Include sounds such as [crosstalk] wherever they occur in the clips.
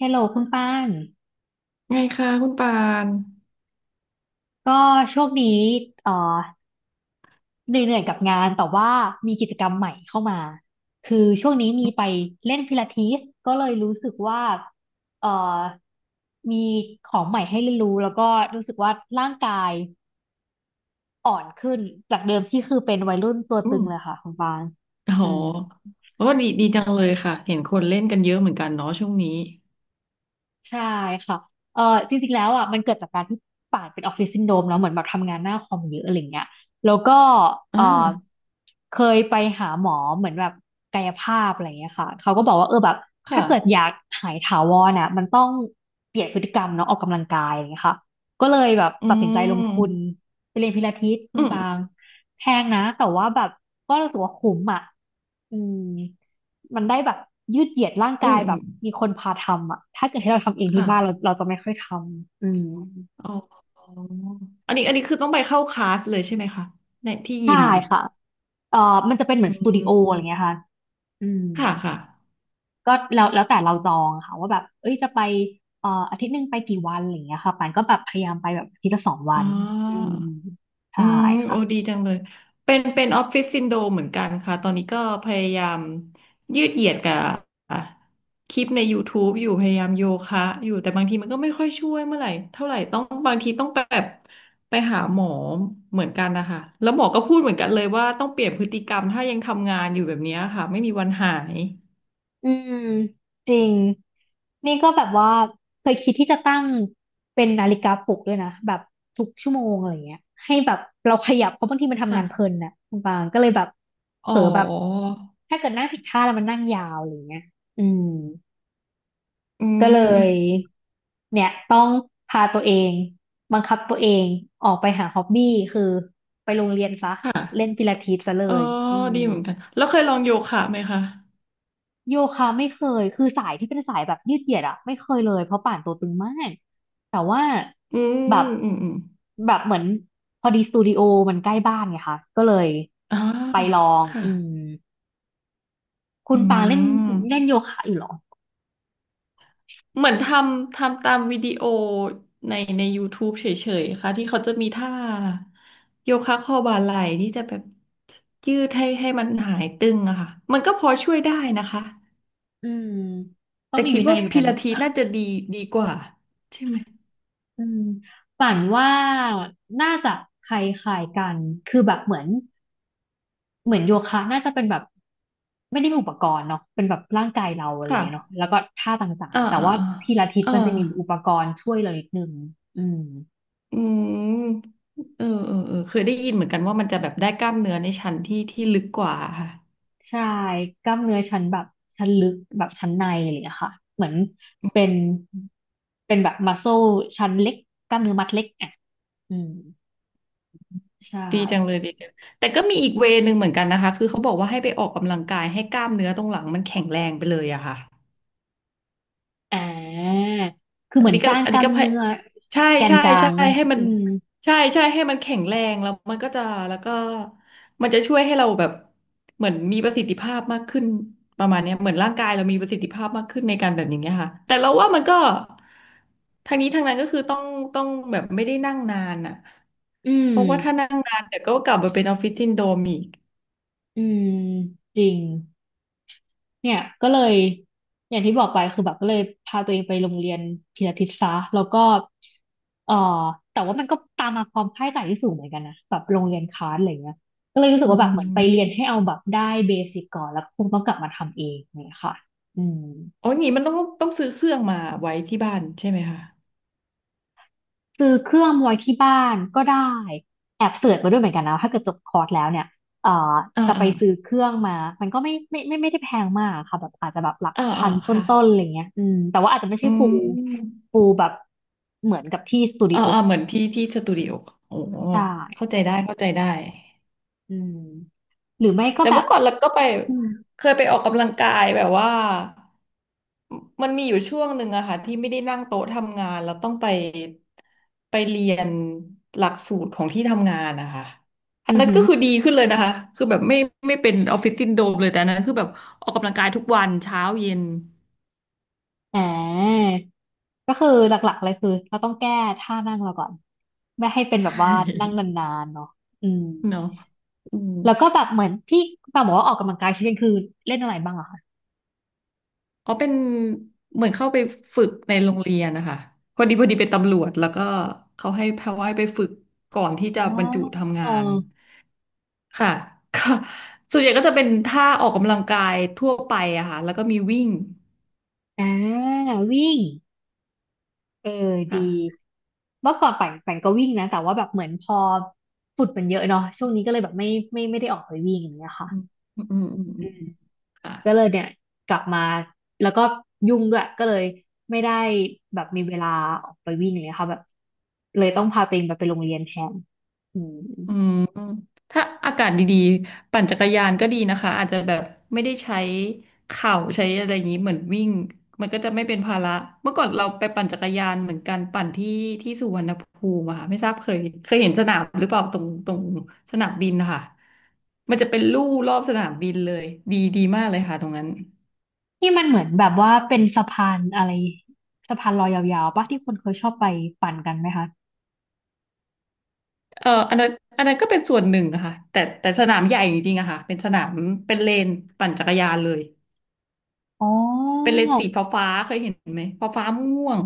ฮลโหลคุณป้านไงคะคุณปานก็ช่วงนี้เอ่อเหนื่อยๆกับงานแต่ว่ามีกิจกรรมใหม่เข้ามา คือช่วงนี้มีไปเล่นพิลาทิสก็เลยรู้สึกว่าเอ่อมีของใหม่ให้เรียนรู้แล้วก็รู้สึกว่าร่างกายอ่อนขึ้นจากเดิมที่คือเป็นวัยรุ่นตัวอืตึงมเลยค่ะคุณป้านโอ้โหอืม โอ้ดีดีจังเลยค่ะ เห็นคนเล่นกันเยอะเหมือนกันเนาะช่วงนี้ใช่ค่ะเออจริงๆแล้วอ่ะมันเกิดจากการที่ป่านเป็นออฟฟิศซินโดรมแล้วเหมือนแบบทำงานหน้าคอมเยอะอะไรเงี้ยแล้วก็เออ่าอเคยไปหาหมอเหมือนแบบกายภาพอะไรเงี้ยค่ะเขาก็บอกว่าเออแบบถ้าค่ะ เกิดอยากหายถาวรอ่ะมันต้องเปลี่ยนพฤติกรรมเนาะออกกำลังกายอะไรเงี้ยค่ะก็เลยแบบอืตัดสินใจลงทุนม ไปเรียนพิลาทิสคุอืณปาม งแพงนะแต่ว่าแบบก็รู้สึกว่าคุ้มอ่ะอืม มันได้แบบยืดเหยียดร่างอืกาม ยอืแบบม มีคนพาทำอ่ะถ้าเกิดให้เราทำเองที่ค่ะ บ้านเราจะไม่ค่อยทำอืมอ๋ออันนี้คือต้องไปเข้าคลาสเลยใช่ไหมคะในที่ยิใช่มค่ะมันจะเป็นเหมือนอืสตูดิโออะมไรเงี้ยค่ะอืมค่ะค่ะ ก็แล้วแต่เราจองค่ะว่าแบบเอ้ยจะไปอาทิตย์หนึ่งไปกี่วันอะไรเงี้ยค่ะปานก็แบบพยายามไปแบบอาทิตย์ละสองวัอ๋อ นอืมอืใช่มโอ้ค่ะ ดีจังเลยเป็นออฟฟิศซินโดรมเหมือนกันค่ะตอนนี้ก็พยายามยืดเหยียดกับอ่ะคลิปใน YouTube อยู่พยายามโยคะอยู่แต่บางทีมันก็ไม่ค่อยช่วยเมื่อไหร่เท่าไหร่ต้องบางทีต้องแบบไปหาหมอเหมือนกันนะคะแล้วหมอก็พูดเหมือนกันเลยว่าต้องเปลี่ยนพฤติกรรมถ้ายังทำงานอยู่แบบเนี้ยค่ะไม่มีวันหายอืมจริงนี่ก็แบบว่าเคยคิดที่จะตั้งเป็นนาฬิกาปลุกด้วยนะแบบทุกชั่วโมงอะไรเงี้ยให้แบบเราขยับเพราะบางทีมันทำงานเพลินค่ะน่ะคุณปางก็เลยแบบอ๋เผอลอแบบถ้าเกิดนั่งผิดท่าแล้วมันนั่งยาวอะไรเงี้ยอืมอืก็เลยมเนี่ยต้องพาตัวเองบังคับตัวเองออกไปหาฮ็อบบี้คือไปโรงเรียนซะค่ะเล่นพิลาทิสซะเลเออยอืม ดีเหมือนกันแล้วเคยลองโยคะไหมคะโยคะไม่เคย คือสายที่เป็นสายแบบยืดเหยียดอะไม่เคยเลยเพราะป่านตัวตึงมาก แต่ว่าอืแบบมอืมอืม แบบเหมือนพอดีสตูดิโอมันใกล้บ้านไงคะก็เลยอ๋อไปลองค่ะอืมคุอืณปางเล่นเล่นมโยคะอยู่เหรอ เหมือนทำตามวิดีโอใน YouTube เฉยๆค่ะที่เขาจะมีท่าโยคะคอบ่าไหล่ที่จะแบบยืดให้มันหายตึงอะค่ะมันก็พอช่วยได้นะคะอืมต้องแต่มีคิดวินัว่ายเหมือนพิกันลาเนาะทิสน่าจะดีดีกว่าใช่ไหมอืมป่านว่าน่าจะคล้ายๆกันคือแบบเหมือน เหมือนโยคะน่าจะเป็นแบบไม่ได้มีอุปกรณ์เนาะเป็นแบบร่างกายเราอะไรอย่างค่ะเงี้ยเนาะแล้วก็ท่าต่างอ่าๆแต่อ่าว่าพิลาทิสอ่ามันจะมีอุปกรณ์ช่วยเรานิดนึงอืมอืมเออเออเออเคยได้ยินเหมือนกันว่ามันจะแบบได้กล้ามเนื้อในชั้นที่ลึกกว่าค่ะ ใช่กล้ามเนื้อชั้นแบบชั้นลึกแบบชั้นในอะไรอย่างเงี้ยค่ะเหมือนเป็นเป็นแบบมัสโซชั้นเล็กกล้ามเนื้อมัดเล็กอ่ะอืมใช่ดีจังเลยดีจังแต่ก็มีอีกเวย์หนึ่งเหมือนกันนะคะคือเขาบอกว่าให้ไปออกกำลังกายให้กล้ามเนื้อตรงหลังมันแข็งแรงไปเลยอะค่ะอ่าคือเหอันมือนนี้สก็ร้างอันกนี้ล้ามก็พยเนื้อใช่แกนใช่กลาใช่งอะให้มันอืมให้มันแข็งแรงแล้วมันก็จะแล้วก็มันจะช่วยให้เราแบบเหมือนมีประสิทธิภาพมากขึ้นประมาณเนี้ยเหมือนร่างกายเรามีประสิทธิภาพมากขึ้นในการแบบอย่างเงี้ยค่ะแต่เราว่ามันก็ทางนี้ทางนั้นก็คือต้องแบบไม่ได้นั่งนานอะอืมเพราะว่าถ้านั่งนานเดี๋ยวก็กลับมาเป็นออฟฟิศซินโดรมอีก อืมจริง เนี่ยก็เลยอย่างที่บอกไปคือแบบก็เลยพาตัวเองไปโรงเรียนพิลาทิสซะแล้วก็เอ่อแต่ว่ามันก็ตามมาความคาดหมายที่สูงเหมือนกันนะแบบโรงเรียนคลาสอะไรเงี้ยก็เลยรู้สึกอืว่าแบบเหมือนไปเรียนมให้เอาแบบได้เบสิกก่อนแล้วคงต้องกลับมาทำเองเนี่ยค่ะอืม อ๋ออย่างงี้มันต้องซื้อเครื่องมาไว้ที่บ้านใช่ไหมคะซื้อเครื่องไว้ที่บ้านก็ได้แอบเสิร์ชมาด้วยเหมือนกันนะถ้าเกิดจบคอร์สแล้วเนี่ยเอ่ออ่าจะไปอ่าซื้อเครื่องมามันก็ไม่ได้แพงมากค่ะแบบอาจจะแบบหลักอ่าพัอ่านตค่ะ้นๆอะไรเงี้ยอืมแต่ว่าอาจจะไม่อืใช่ฟูลมฟูลแบบเหมือนกับที่สตูดิอ่าโออ่าเหมือนที่สตูดิโอโอ้ใช่เข้าใจได้เข้าใจได้ อืมหรือไม่ก็แต่แบเมื่บอก่อนเราก็อืมเคยไปออกกำลังกายแบบว่ามันมีอยู่ช่วงหนึ่งอะค่ะที่ไม่ได้นั่งโต๊ะทำงานแล้วต้องไปเรียนหลักสูตรของที่ทำงานนะคะอันอือนั้นหือก็คือดีขึ้นเลยนะคะคือแบบไม่เป็นออฟฟิศซินโดรมเลยแต่อันนั้นคือแบบออกกำลังกายทุกวันเช้าเย็น อ่าก็คือหลักๆเลยคือเราต้องแก้ท่านั่งเราก่อนไม่ให้เป็นแบบว่านั่ง [laughs] นานๆเนาะอืม เนาะอืม แล้วก็แบบเหมือนที่ปามบอกว่าออกกำลังกายชิ้นคือเล่นอะไรบ้างเหรอคะอ๋อเป็นเหมือนเข้าไปฝึกในโรงเรียนนะคะพอดีเป็นตำรวจแล้วก็เขาให้พาว่ายไปฝึกก่อนที่จะอ๋อบรรจุทำองานอค่ะ [laughs] ก็ส่วนใหญ่ก็จะเป็นท่าออกกำลังกายทั่วไปอะค่ะแล้วก็มีวิ่งอ่าวิ่งเออค่ะดีเมื่อก่อนปั่นก็วิ่งนะแต่ว่าแบบเหมือนพอฝุ่นมันเยอะเนาะช่วงนี้ก็เลยแบบไม่ได้ออกไปวิ่งอย่างเงี้ยค่ะอืมอืมอืมอืมอืมค่ะ ก็เลยเนี่ยกลับมาแล้วก็ยุ่งด้วยก็เลยไม่ได้แบบมีเวลาออกไปวิ่งอย่างเงี้ยค่ะแบบเลยต้องพาตัวเองแบบไปโรงเรียนแทนอืม อืมถ้าอากาศดีๆปั่นจักรยานก็ดีนะคะอาจจะแบบไม่ได้ใช้เข่าใช้อะไรอย่างนี้เหมือนวิ่งมันก็จะไม่เป็นภาระเมื่อก่อนเราไปปั่นจักรยานเหมือนกันปั่นที่สุวรรณภูมิอะค่ะไม่ทราบเคยเห็นสนามหรือเปล่าตรงสนามบินนะคะมันจะเป็นลู่รอบสนามบินเลยดีดีมากเลยค่ะตรงนั้นที่มันเหมือนแบบว่าเป็นสะพานอะไรสะพานลอยยาวๆปะที่คนเคยชอบไปปั่นกันไหมคะเอออันนั้นก็เป็นส่วนหนึ่งอะค่ะแต่สนามใหญ่จริงๆอะค่ะเป็นสนามเป็นเลนปั่นจักรยานเลย อ๋เป็นอเลนส์สีฟ้าๆเคยเห็นไหมฟ้าๆม่วง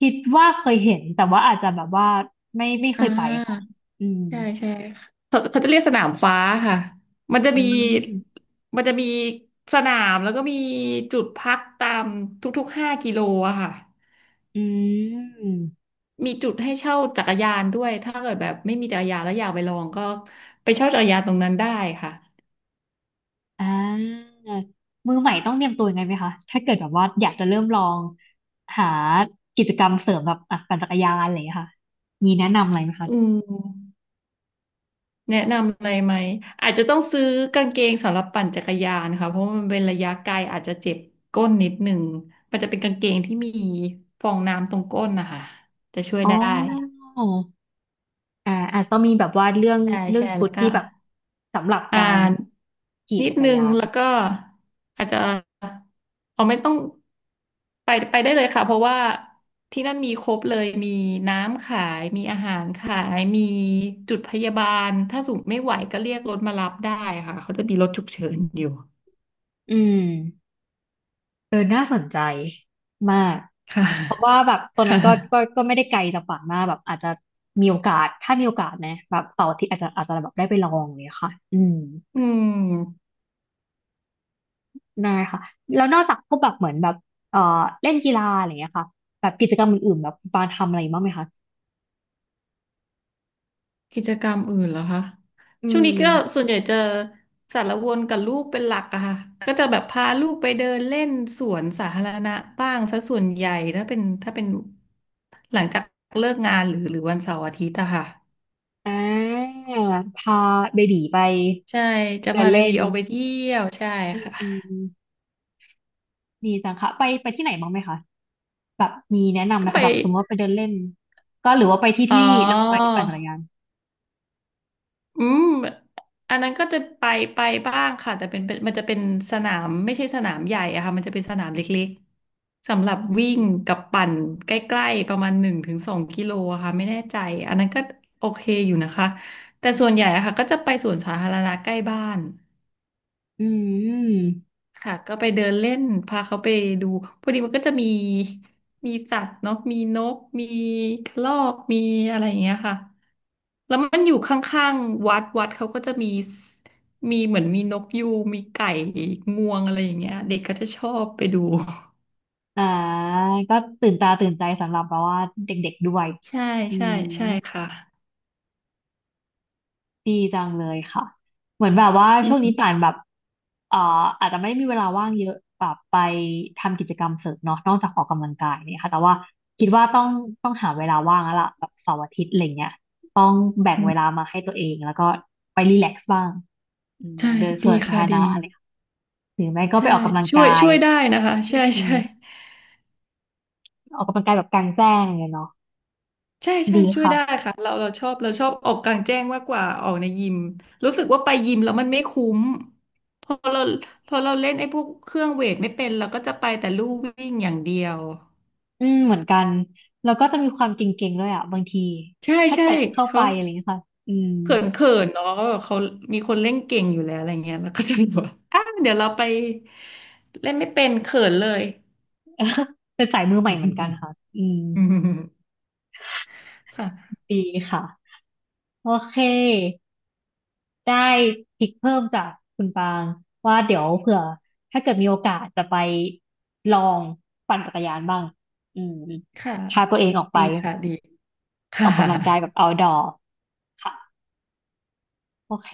คิดว่าเคยเห็นแต่ว่าอาจจะแบบว่าไม่ไม่เคอ่ยไปค่ะาอืมใช่ใช่เขาเขาจะเรียกสนามฟ้าค่ะมันจะอืมีมมันจะมีสนามแล้วก็มีจุดพักตามทุกๆ5 กิโลอะค่ะอืมมีจุดให้เช่าจักรยานด้วยถ้าเกิดแบบไม่มีจักรยานแล้วอยากไปลองก็ไปเช่าจักรยานตรงนั้นได้ค่ะอ่ามือใหม่ต้องเตรียมตัวยังไงไหมคะถ้าเกิดแบบว่าอยากจะเริ่มลองหากิจกรรมเสริมแบบอ่ะปั่นจักรยานอะไรอย่างเงี้ยค่ะมีแนะนำอะไรไหมคะอืม แนะนำอะไรไหม อาจจะต้องซื้อกางเกงสำหรับปั่นจักรยานค่ะเพราะมันเป็นระยะไกลอาจจะเจ็บก้นนิดหนึ่ง มันจะเป็นกางเกงที่มีฟองน้ำตรงก้นนะคะ จะช่วยอ๋ได้ อ อ่าอาจจะต้องมีแบบว่าเรื่องใช่เรื่อใช่งชุแล้วดก็ ที่แบบสำหรับอ่าการนขี่นิดจักรนึงยานแล้วก็อาจจะเอาไม่ต้องไปไปได้เลยค่ะเพราะว่าที่นั่นมีครบเลยมีน้ำขายมีอาหารขายมีจุดพยาบาลถ้าสมมติไม่ไหวก็เรียกรถมารับได้ค่ะเขาจะมีรถฉุกเฉินอยู่อืมเออน่าสนใจมากค่ะ เพราะว่าแบบตอนนั้นก็ [laughs] ก็ก็ไม่ได้ไกลจากฝั่งมากแบบอาจจะมีโอกาสถ้ามีโอกาสนะแบบเสาร์อาทิตย์อาจจะแบบได้ไปลองเลยค่ะอืมอืม ได้ค่ะแล้วนอกจากพวกแบบเหมือนแบบเอ่อเล่นกีฬาอะไรอย่างเงี้ยค่ะแบบกิจกรรมอื่นๆแบบคุณปาทำอะไรบ้างไหมคะกิจกรรมอื่นเหรอคะอืช่วงนี้ก็มส่วนใหญ่จะสารวนกับลูกเป็นหลักอะค่ะ ก็จะแบบพาลูกไปเดินเล่นสวนสาธารณะบ้างซะส่วนใหญ่ถ้าเป็นถ้าเป็นหลังจากเลิกงานหรือวันเสาร์อาทิตย์อะค่ะอ่าพาเบบีไปใช่จะเดิพานเบเล่บีน ออกไปเที่ยวใช่อค่ะืมดีจังค่ะไปไปที่ไหนบ้างไหมคะแบบมีแนะนำไหมก็ไปคะแบบสมมติว่าไปเดินเล่นก็หรือว่าไปที่อ๋อ ที่เราไปปั่นจักรยานอืม อันนั้นก็จะไปบ้างค่ะแต่เป็นเป็นมันจะเป็นสนามไม่ใช่สนามใหญ่อะค่ะมันจะเป็นสนามเล็กๆสำหรับวิ่งกับปั่นใกล้ๆประมาณ1 ถึง 2 กิโลอะค่ะไม่แน่ใจอันนั้นก็โอเคอยู่นะคะแต่ส่วนใหญ่อะค่ะก็จะไปสวนสาธารณะใกล้บ้าน อืมค่ะก็ไปเดินเล่นพาเขาไปดูพอดีมันก็จะมีมีสัตว์เนาะมีนกมีกระรอกมีอะไรอย่างเงี้ยค่ะแล้วมันอยู่ข้างๆวัดวัดเขาก็จะมีมีเหมือนมีนกยูงมีไก่งวงอะไรอย่างเงี้ยเด็กก็จะชอบไปดู อ่าก็ตื่นตาตื่นใจสำหรับแบบว่าเด็กๆด้วย [laughs] ใช่อืใช่ม ใช่ค่ะดีจังเลยค่ะเหมือนแบบว่าอืช่วงมนี้ป่านแบบเอ่ออาจจะไม่มีเวลาว่างเยอะแบบไปทำกิจกรรมเสริมเนาะนอกจากออกกำลังกายเนี่ยค่ะแต่ว่าคิดว่าต้องหาเวลาว่างแล้วล่ะแบบเสาร์อาทิตย์อะไรเงี้ยต้องแบ่งอืเวมลามาให้ตัวเองแล้วก็ไปรีแลกซ์บ้างอืมใช่เดินสดีวนสาค่ะธารดีณะอะไรค่ะหรือไม่ก็ไปใช่ออกกำลังช่วกายยช่วยได้นะคะใช่อืมใช่ ออกกำลังกายแบบกลางแจ้งอะไรเลยเนาะใช่ใช่ดีช่วยค่ะได้ค่ะเราเราชอบเราชอบออกกลางแจ้งมากกว่าออกในยิมรู้สึกว่าไปยิมแล้วมันไม่คุ้มพอเราพอเราเล่นไอ้พวกเครื่องเวทไม่เป็นเราก็จะไปแต่ลู่วิ่งอย่างเดียวอืมเหมือนกันแล้วก็จะมีความเก่งๆด้วยอ่ะบางทีใช่ถ้าใช่เกิดเข้าไปเขาอะไรเงี้ยค่ะอืม เขินเขินเนาะเขามีคนเล่นเก่งอยู่แล้วอะไรเงี้ยแล้วก็จะบอกว่า [laughs] อ่ะเดี๋ยวเราไปเล่นไม่เป็นเขินเลย [laughs] เป็นสายมือใหม่เหมือนกัน [laughs] ค่ะ อืม อืมค่ะดีค่ะ โอเค ได้ทิกเพิ่มจากคุณปางว่าเดี๋ยวเผื่อถ้าเกิดมีโอกาสจะไปลองปั่นจักรยานบ้าง อืมค่ะพาตัวเองออกไปดีค่ะดีอค่ะอกกำลังกายแบบ outdoor ค่ะ โอเค